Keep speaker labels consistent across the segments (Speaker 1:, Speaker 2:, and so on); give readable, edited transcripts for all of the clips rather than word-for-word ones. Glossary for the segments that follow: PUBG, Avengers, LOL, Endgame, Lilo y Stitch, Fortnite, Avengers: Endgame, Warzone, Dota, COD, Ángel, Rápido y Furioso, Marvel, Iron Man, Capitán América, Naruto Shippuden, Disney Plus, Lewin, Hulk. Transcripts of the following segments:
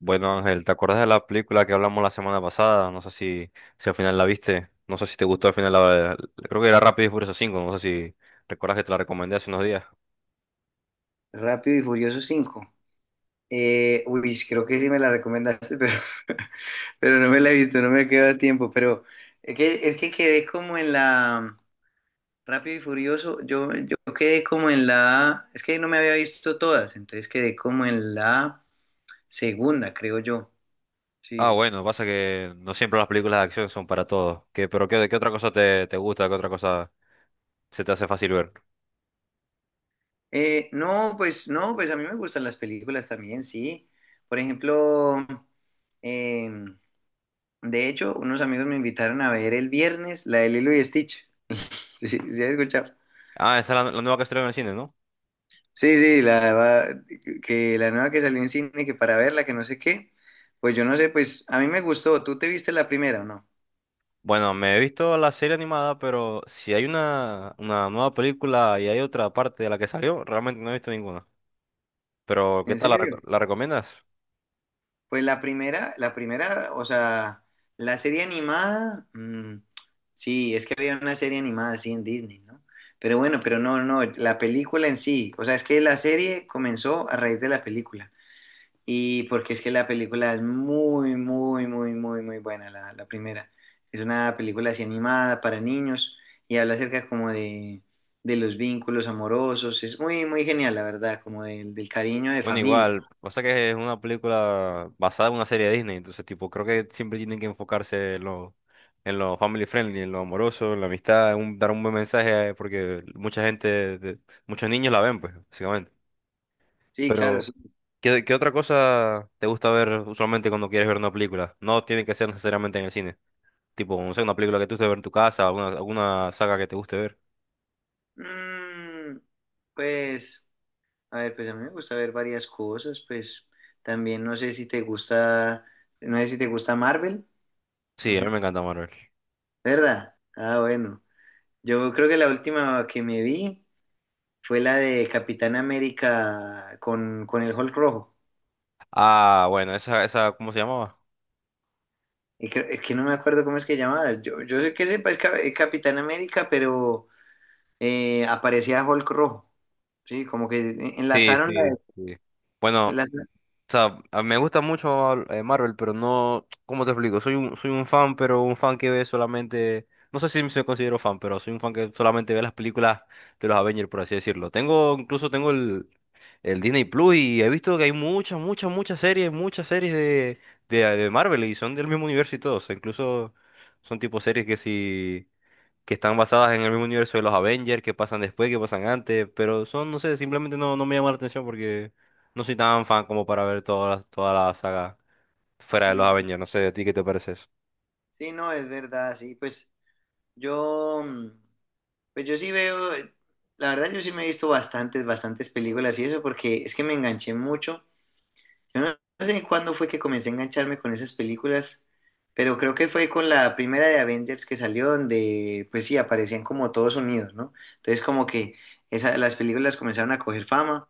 Speaker 1: Bueno, Ángel, ¿te acuerdas de la película que hablamos la semana pasada? No sé si al final la viste. No sé si te gustó al final la... Creo que era Rápido y Furioso cinco. No sé si recuerdas que te la recomendé hace unos días.
Speaker 2: Rápido y Furioso 5. Uy, creo que sí me la recomendaste, pero no me la he visto, no me queda tiempo. Pero es que quedé como en la Rápido y Furioso. Yo quedé como en la. Es que no me había visto todas, entonces quedé como en la segunda, creo yo.
Speaker 1: Ah,
Speaker 2: Sí.
Speaker 1: bueno, pasa que no siempre las películas de acción son para todos. ¿Qué, pero qué, qué otra cosa te gusta? ¿Qué otra cosa se te hace fácil ver?
Speaker 2: No, pues no, pues a mí me gustan las películas también, sí. Por ejemplo, em, De hecho, unos amigos me invitaron a ver el viernes la de Lilo y Stitch. Sí, sí, sí, escuchado.
Speaker 1: Ah, esa es la nueva que estrenó en el cine, ¿no?
Speaker 2: Sí, sí, que la nueva que salió en cine, que para verla, que no sé qué. Pues yo no sé, pues a mí me gustó. ¿Tú te viste la primera o no?
Speaker 1: Bueno, me he visto la serie animada, pero si hay una nueva película y hay otra parte de la que salió, realmente no he visto ninguna. Pero, ¿qué
Speaker 2: ¿En
Speaker 1: tal la,
Speaker 2: serio?
Speaker 1: la recomiendas?
Speaker 2: Pues la primera, o sea, la serie animada, sí, es que había una serie animada así en Disney, ¿no? Pero bueno, pero no, no, la película en sí, o sea, es que la serie comenzó a raíz de la película. Y porque es que la película es muy, muy, muy, muy, muy buena, la primera. Es una película así animada para niños y habla acerca como de los vínculos amorosos. Es muy, muy genial, la verdad, como del cariño de
Speaker 1: Bueno,
Speaker 2: familia.
Speaker 1: igual, pasa que es una película basada en una serie de Disney, entonces tipo, creo que siempre tienen que enfocarse en lo family friendly, en lo amoroso, en la amistad, dar un buen mensaje, porque mucha gente, muchos niños la ven, pues, básicamente.
Speaker 2: Sí, claro,
Speaker 1: Pero,
Speaker 2: sí.
Speaker 1: ¿qué, qué otra cosa te gusta ver usualmente cuando quieres ver una película? No tiene que ser necesariamente en el cine. Tipo, no sé, una película que tú te guste ver en tu casa, alguna saga que te guste ver.
Speaker 2: Mm, pues, a ver, pues a mí me gusta ver varias cosas, pues también no sé si te gusta, Marvel, no
Speaker 1: Sí, a mí
Speaker 2: sé.
Speaker 1: me encanta Marvel.
Speaker 2: ¿Verdad? Ah, bueno. Yo creo que la última que me vi fue la de Capitán América con el Hulk rojo.
Speaker 1: Ah, bueno, esa, ¿cómo se llamaba?
Speaker 2: Es que no me acuerdo cómo es que llamaba. Yo sé que sepa es es Capitán América, pero aparecía Hulk rojo. Sí, como que
Speaker 1: Sí,
Speaker 2: enlazaron
Speaker 1: sí, sí. Bueno.
Speaker 2: las-
Speaker 1: O sea, me gusta mucho Marvel, pero no, ¿cómo te explico? Soy un fan, pero un fan que ve solamente, no sé si me considero fan, pero soy un fan que solamente ve las películas de los Avengers, por así decirlo. Tengo, incluso tengo el Disney Plus y he visto que hay muchas, muchas, muchas series de Marvel y son del mismo universo y todo. O sea, incluso son tipo series que si que están basadas en el mismo universo de los Avengers, que pasan después, que pasan antes, pero son, no sé, simplemente no, no me llama la atención porque no soy tan fan como para ver toda la toda la saga fuera de los
Speaker 2: sí, sí,
Speaker 1: Avengers, no sé, ¿a ti qué te parece eso?
Speaker 2: sí, no, es verdad, sí, pues yo, pues yo sí veo, la verdad yo sí me he visto bastantes películas y eso, porque es que me enganché mucho. Yo no sé cuándo fue que comencé a engancharme con esas películas, pero creo que fue con la primera de Avengers que salió, donde pues sí, aparecían como todos unidos, ¿no? Entonces como que las películas comenzaron a coger fama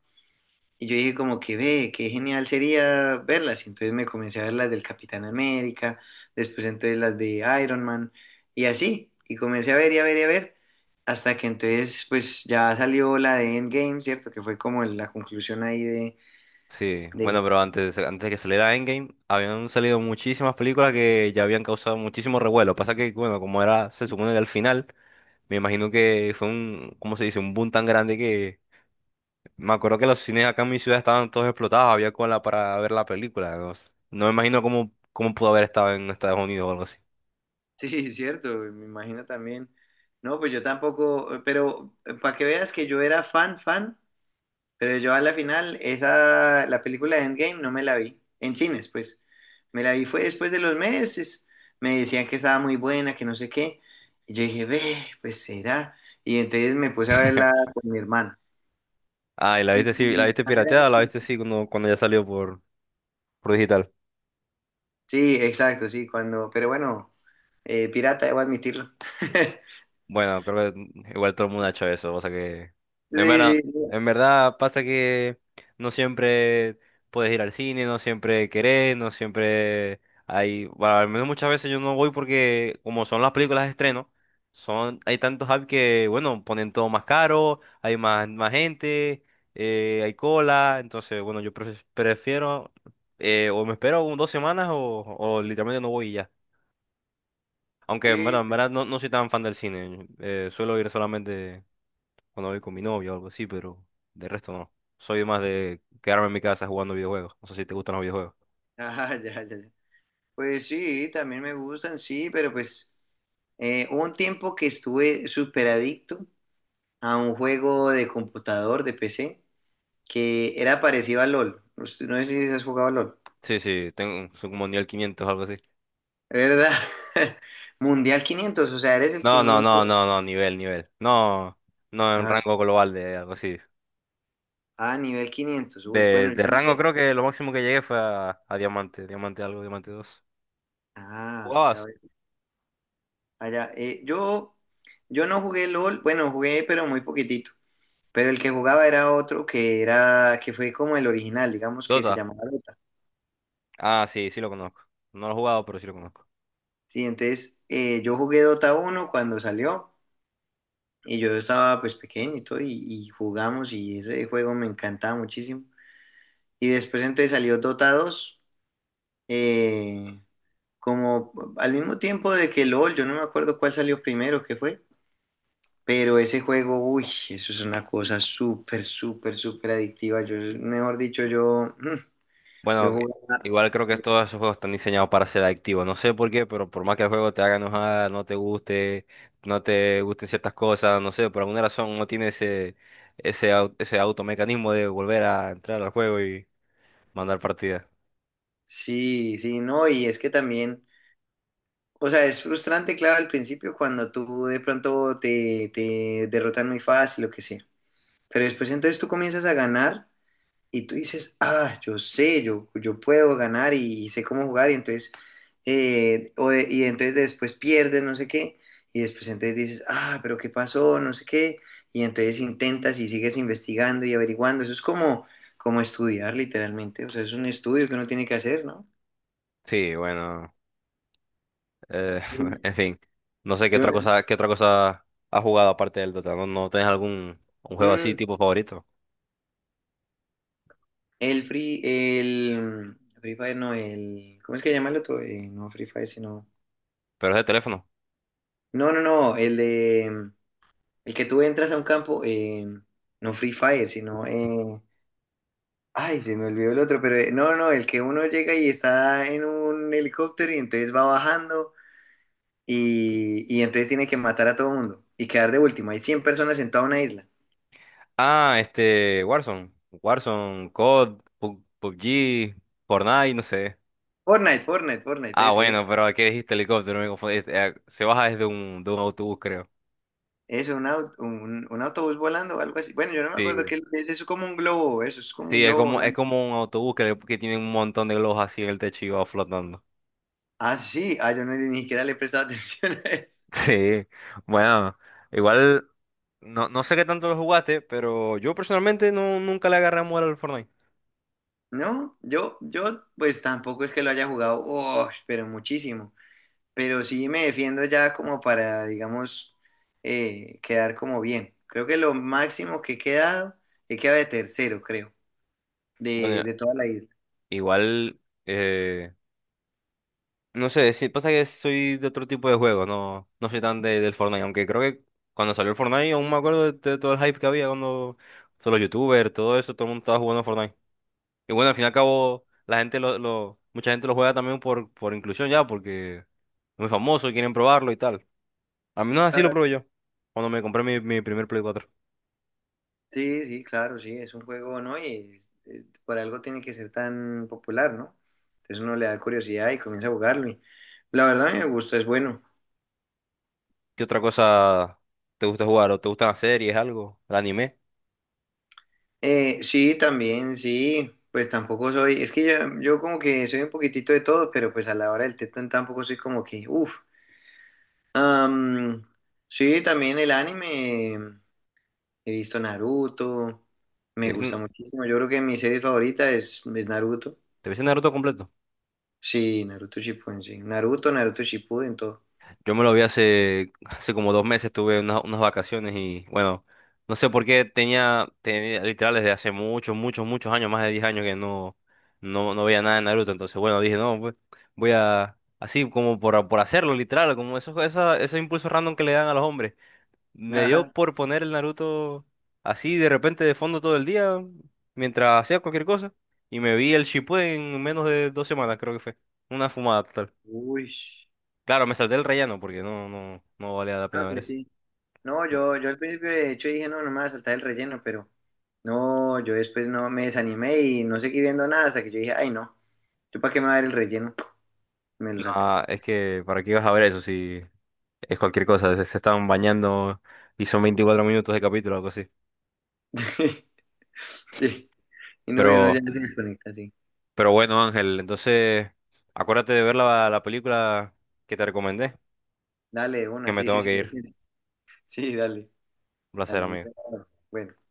Speaker 2: y yo dije como que ve, qué genial sería verlas. Y entonces me comencé a ver las del Capitán América, después entonces las de Iron Man y así. Y comencé a ver y a ver y a ver, hasta que entonces pues ya salió la de Endgame, ¿cierto? Que fue como la conclusión ahí de...
Speaker 1: Sí, bueno, pero antes, antes de que saliera Endgame, habían salido muchísimas películas que ya habían causado muchísimo revuelo. Pasa que, bueno, como era, se supone que al final, me imagino que fue un, ¿cómo se dice? Un boom tan grande que me acuerdo que los cines acá en mi ciudad estaban todos explotados, había cola para ver la película. No, no me imagino cómo, cómo pudo haber estado en Estados Unidos o algo así.
Speaker 2: Sí, cierto, me imagino también. No, pues yo tampoco, pero para que veas que yo era fan, fan, pero yo a la final, la película de Endgame no me la vi, en cines, pues. Me la vi fue después de los meses, me decían que estaba muy buena, que no sé qué, y yo dije, ve, pues será. Y entonces me puse a verla con mi hermana.
Speaker 1: Ah, y la
Speaker 2: Y
Speaker 1: viste
Speaker 2: con
Speaker 1: sí, la
Speaker 2: mi
Speaker 1: viste
Speaker 2: hermana era
Speaker 1: pirateada, o la
Speaker 2: así.
Speaker 1: viste sí cuando, cuando ya salió por digital.
Speaker 2: Sí, exacto, sí, pero bueno, pirata, debo admitirlo.
Speaker 1: Bueno, creo que igual todo el mundo ha hecho eso, o sea que
Speaker 2: Sí,
Speaker 1: en verdad,
Speaker 2: sí, sí,
Speaker 1: en verdad pasa que no siempre puedes ir al cine, no siempre querés, no siempre hay, bueno, al menos muchas veces yo no voy porque como son las películas de estreno, son, hay tantos apps que, bueno, ponen todo más caro, hay más, más gente, hay cola, entonces, bueno, yo prefiero, o me espero dos semanas o literalmente no voy y ya. Aunque,
Speaker 2: sí,
Speaker 1: bueno, en
Speaker 2: pues,
Speaker 1: verdad no, no soy tan fan del cine. Suelo ir solamente cuando voy con mi novia o algo así, pero de resto no. Soy más de quedarme en mi casa jugando videojuegos. No sé si te gustan los videojuegos.
Speaker 2: ah, ya, ya, ya. Pues sí, también me gustan, sí, pero pues hubo un tiempo que estuve súper adicto a un juego de computador, de PC, que era parecido a LOL. No sé si has jugado a LOL.
Speaker 1: Sí, sí, tengo soy como nivel 500 o algo así.
Speaker 2: ¿Verdad? Mundial 500, o sea, eres el
Speaker 1: No, no,
Speaker 2: 500.
Speaker 1: no, no, no, nivel, nivel. No, no en
Speaker 2: Ah,
Speaker 1: rango global de algo así.
Speaker 2: ah, nivel 500. Uy,
Speaker 1: De,
Speaker 2: bueno, yo
Speaker 1: de
Speaker 2: no
Speaker 1: rango
Speaker 2: sé.
Speaker 1: creo que lo máximo que llegué fue a diamante, diamante algo, diamante 2.
Speaker 2: Ah, ya
Speaker 1: ¿Jugabas?
Speaker 2: veo. Allá, yo no jugué LOL, bueno, jugué, pero muy poquitito. Pero el que jugaba era otro que era, que fue como el original, digamos que se
Speaker 1: Dota.
Speaker 2: llamaba
Speaker 1: Ah, sí, sí lo conozco. No lo he jugado, pero sí lo conozco.
Speaker 2: Sí, entonces yo jugué Dota 1 cuando salió y yo estaba pues pequeño y todo y jugamos y ese juego me encantaba muchísimo. Y después entonces salió Dota 2 eh, como al mismo tiempo de que LOL, yo no me acuerdo cuál salió primero, qué fue, pero ese juego, uy, eso es una cosa súper, súper, súper adictiva. Yo, mejor dicho, yo
Speaker 1: Bueno,
Speaker 2: jugaba,
Speaker 1: igual creo que todos esos juegos están diseñados para ser adictivos. No sé por qué, pero por más que el juego te haga enojar, no te guste, no te gusten ciertas cosas, no sé, por alguna razón no tiene ese, ese, ese automecanismo de volver a entrar al juego y mandar partidas.
Speaker 2: sí, sí, no, y es que también... O sea, es frustrante, claro, al principio cuando tú de pronto te derrotan muy fácil, lo que sea. Pero después entonces tú comienzas a ganar y tú dices, ah, yo sé, yo puedo ganar y, sé cómo jugar y entonces, y entonces después pierdes, no sé qué, y después entonces dices, ah, pero ¿qué pasó? No sé qué. Y entonces intentas y sigues investigando y averiguando. Eso es como estudiar literalmente. O sea, es un estudio que uno tiene que hacer, ¿no?
Speaker 1: Sí, bueno, eh,
Speaker 2: Mm.
Speaker 1: en fin, no sé
Speaker 2: Yo,
Speaker 1: qué otra cosa has jugado aparte del Dota. ¿No, no tienes algún un juego así
Speaker 2: mm,
Speaker 1: tipo favorito?
Speaker 2: El Free Fire, no, ¿cómo es que llama el otro? No Free Fire, sino,
Speaker 1: Pero es de teléfono.
Speaker 2: no, no, no, no, el que tú entras a un campo, no Free Fire, sino, ay, se me olvidó el otro, pero no, no, el que uno llega y está en un helicóptero y entonces va bajando y entonces tiene que matar a todo el mundo y quedar de último. Hay 100 personas en toda una isla.
Speaker 1: Ah, este, Warzone, Warzone, COD, PUBG, Fortnite, no sé.
Speaker 2: Fortnite, Fortnite, Fortnite,
Speaker 1: Ah,
Speaker 2: ese es.
Speaker 1: bueno, pero aquí dijiste helicóptero, me confundí. Este, se baja desde un, de un autobús, creo.
Speaker 2: Eso, un autobús volando o algo así. Bueno, yo no me acuerdo
Speaker 1: Sí.
Speaker 2: qué es, eso es como un globo, eso es como un
Speaker 1: Sí,
Speaker 2: globo.
Speaker 1: es como un autobús que tiene un montón de globos así en el techo y va flotando.
Speaker 2: Ah, sí, ah, yo no, ni siquiera le he prestado atención a eso.
Speaker 1: Sí, bueno, igual no, no sé qué tanto lo jugaste, pero yo personalmente no, nunca le agarré amor al Fortnite.
Speaker 2: No, pues tampoco es que lo haya jugado, oh, pero muchísimo. Pero sí me defiendo ya como para, digamos, quedar como bien. Creo que lo máximo que he quedado de tercero, creo, de,
Speaker 1: Bueno,
Speaker 2: de toda la isla.
Speaker 1: igual, eh, no sé, sí, pasa que soy de otro tipo de juego, no, no soy tan de, del Fortnite, aunque creo que cuando salió el Fortnite aún me acuerdo de todo el hype que había cuando todos los youtubers, todo eso, todo el mundo estaba jugando Fortnite. Y bueno, al fin y al cabo, la gente lo, mucha gente lo juega también por inclusión ya, porque es muy famoso y quieren probarlo y tal. A mí no así lo
Speaker 2: Claro,
Speaker 1: probé yo, cuando me compré mi, mi primer Play cuatro.
Speaker 2: sí, sí, claro, sí, es un juego, ¿no? Y por algo tiene que ser tan popular, ¿no? Entonces uno le da curiosidad y comienza a jugarlo. Y la verdad a mí me gusta, es bueno.
Speaker 1: ¿Qué otra cosa te gusta jugar? ¿O te gustan las series, algo? ¿El anime?
Speaker 2: Sí, también, sí. Pues tampoco soy, es que yo como que soy un poquitito de todo, pero pues a la hora del tetón tampoco soy como que, uff. Am, sí, también el anime, he visto Naruto,
Speaker 1: ¿Te
Speaker 2: me gusta
Speaker 1: viste,
Speaker 2: muchísimo. Yo creo que mi serie favorita es Naruto.
Speaker 1: te viste Naruto completo?
Speaker 2: Sí, Naruto Shippuden, sí. Naruto, Naruto Shippuden, todo.
Speaker 1: Yo me lo vi hace, hace como dos meses, tuve unas, unas vacaciones y bueno, no sé por qué tenía, tenía literal desde hace muchos, muchos, muchos años, más de 10 años que no, no, no veía nada de Naruto. Entonces, bueno, dije, no, pues voy a, así como por hacerlo, literal, como esos, esa, esos impulsos random que le dan a los hombres. Me dio
Speaker 2: Ajá.
Speaker 1: por poner el Naruto así de repente de fondo todo el día, mientras hacía cualquier cosa, y me vi el Shippuden en menos de dos semanas, creo que fue. Una fumada total.
Speaker 2: Uy.
Speaker 1: Claro, me salté el relleno porque no, no, no valía la
Speaker 2: Ah,
Speaker 1: pena ver
Speaker 2: pues
Speaker 1: eso.
Speaker 2: sí. No, yo al principio de hecho dije, no, no me voy a saltar el relleno, pero no, yo después no me desanimé y no seguí viendo nada hasta que yo dije, ay, no, ¿yo para qué me va a ver el relleno? Me lo salté.
Speaker 1: Ah, es que, ¿para qué ibas a ver eso si es cualquier cosa? Se estaban bañando y son 24 minutos de capítulo o algo así.
Speaker 2: Sí. Y no, y uno ya
Speaker 1: Pero,
Speaker 2: se desconecta, sí.
Speaker 1: pero bueno, Ángel, entonces acuérdate de ver la, la película que te recomendé,
Speaker 2: Dale,
Speaker 1: que me
Speaker 2: sí, sí,
Speaker 1: tengo
Speaker 2: sí,
Speaker 1: que
Speaker 2: lo
Speaker 1: ir.
Speaker 2: siento. Sí, dale,
Speaker 1: Un placer,
Speaker 2: dale. Ahí
Speaker 1: amigo.
Speaker 2: ya. Bueno.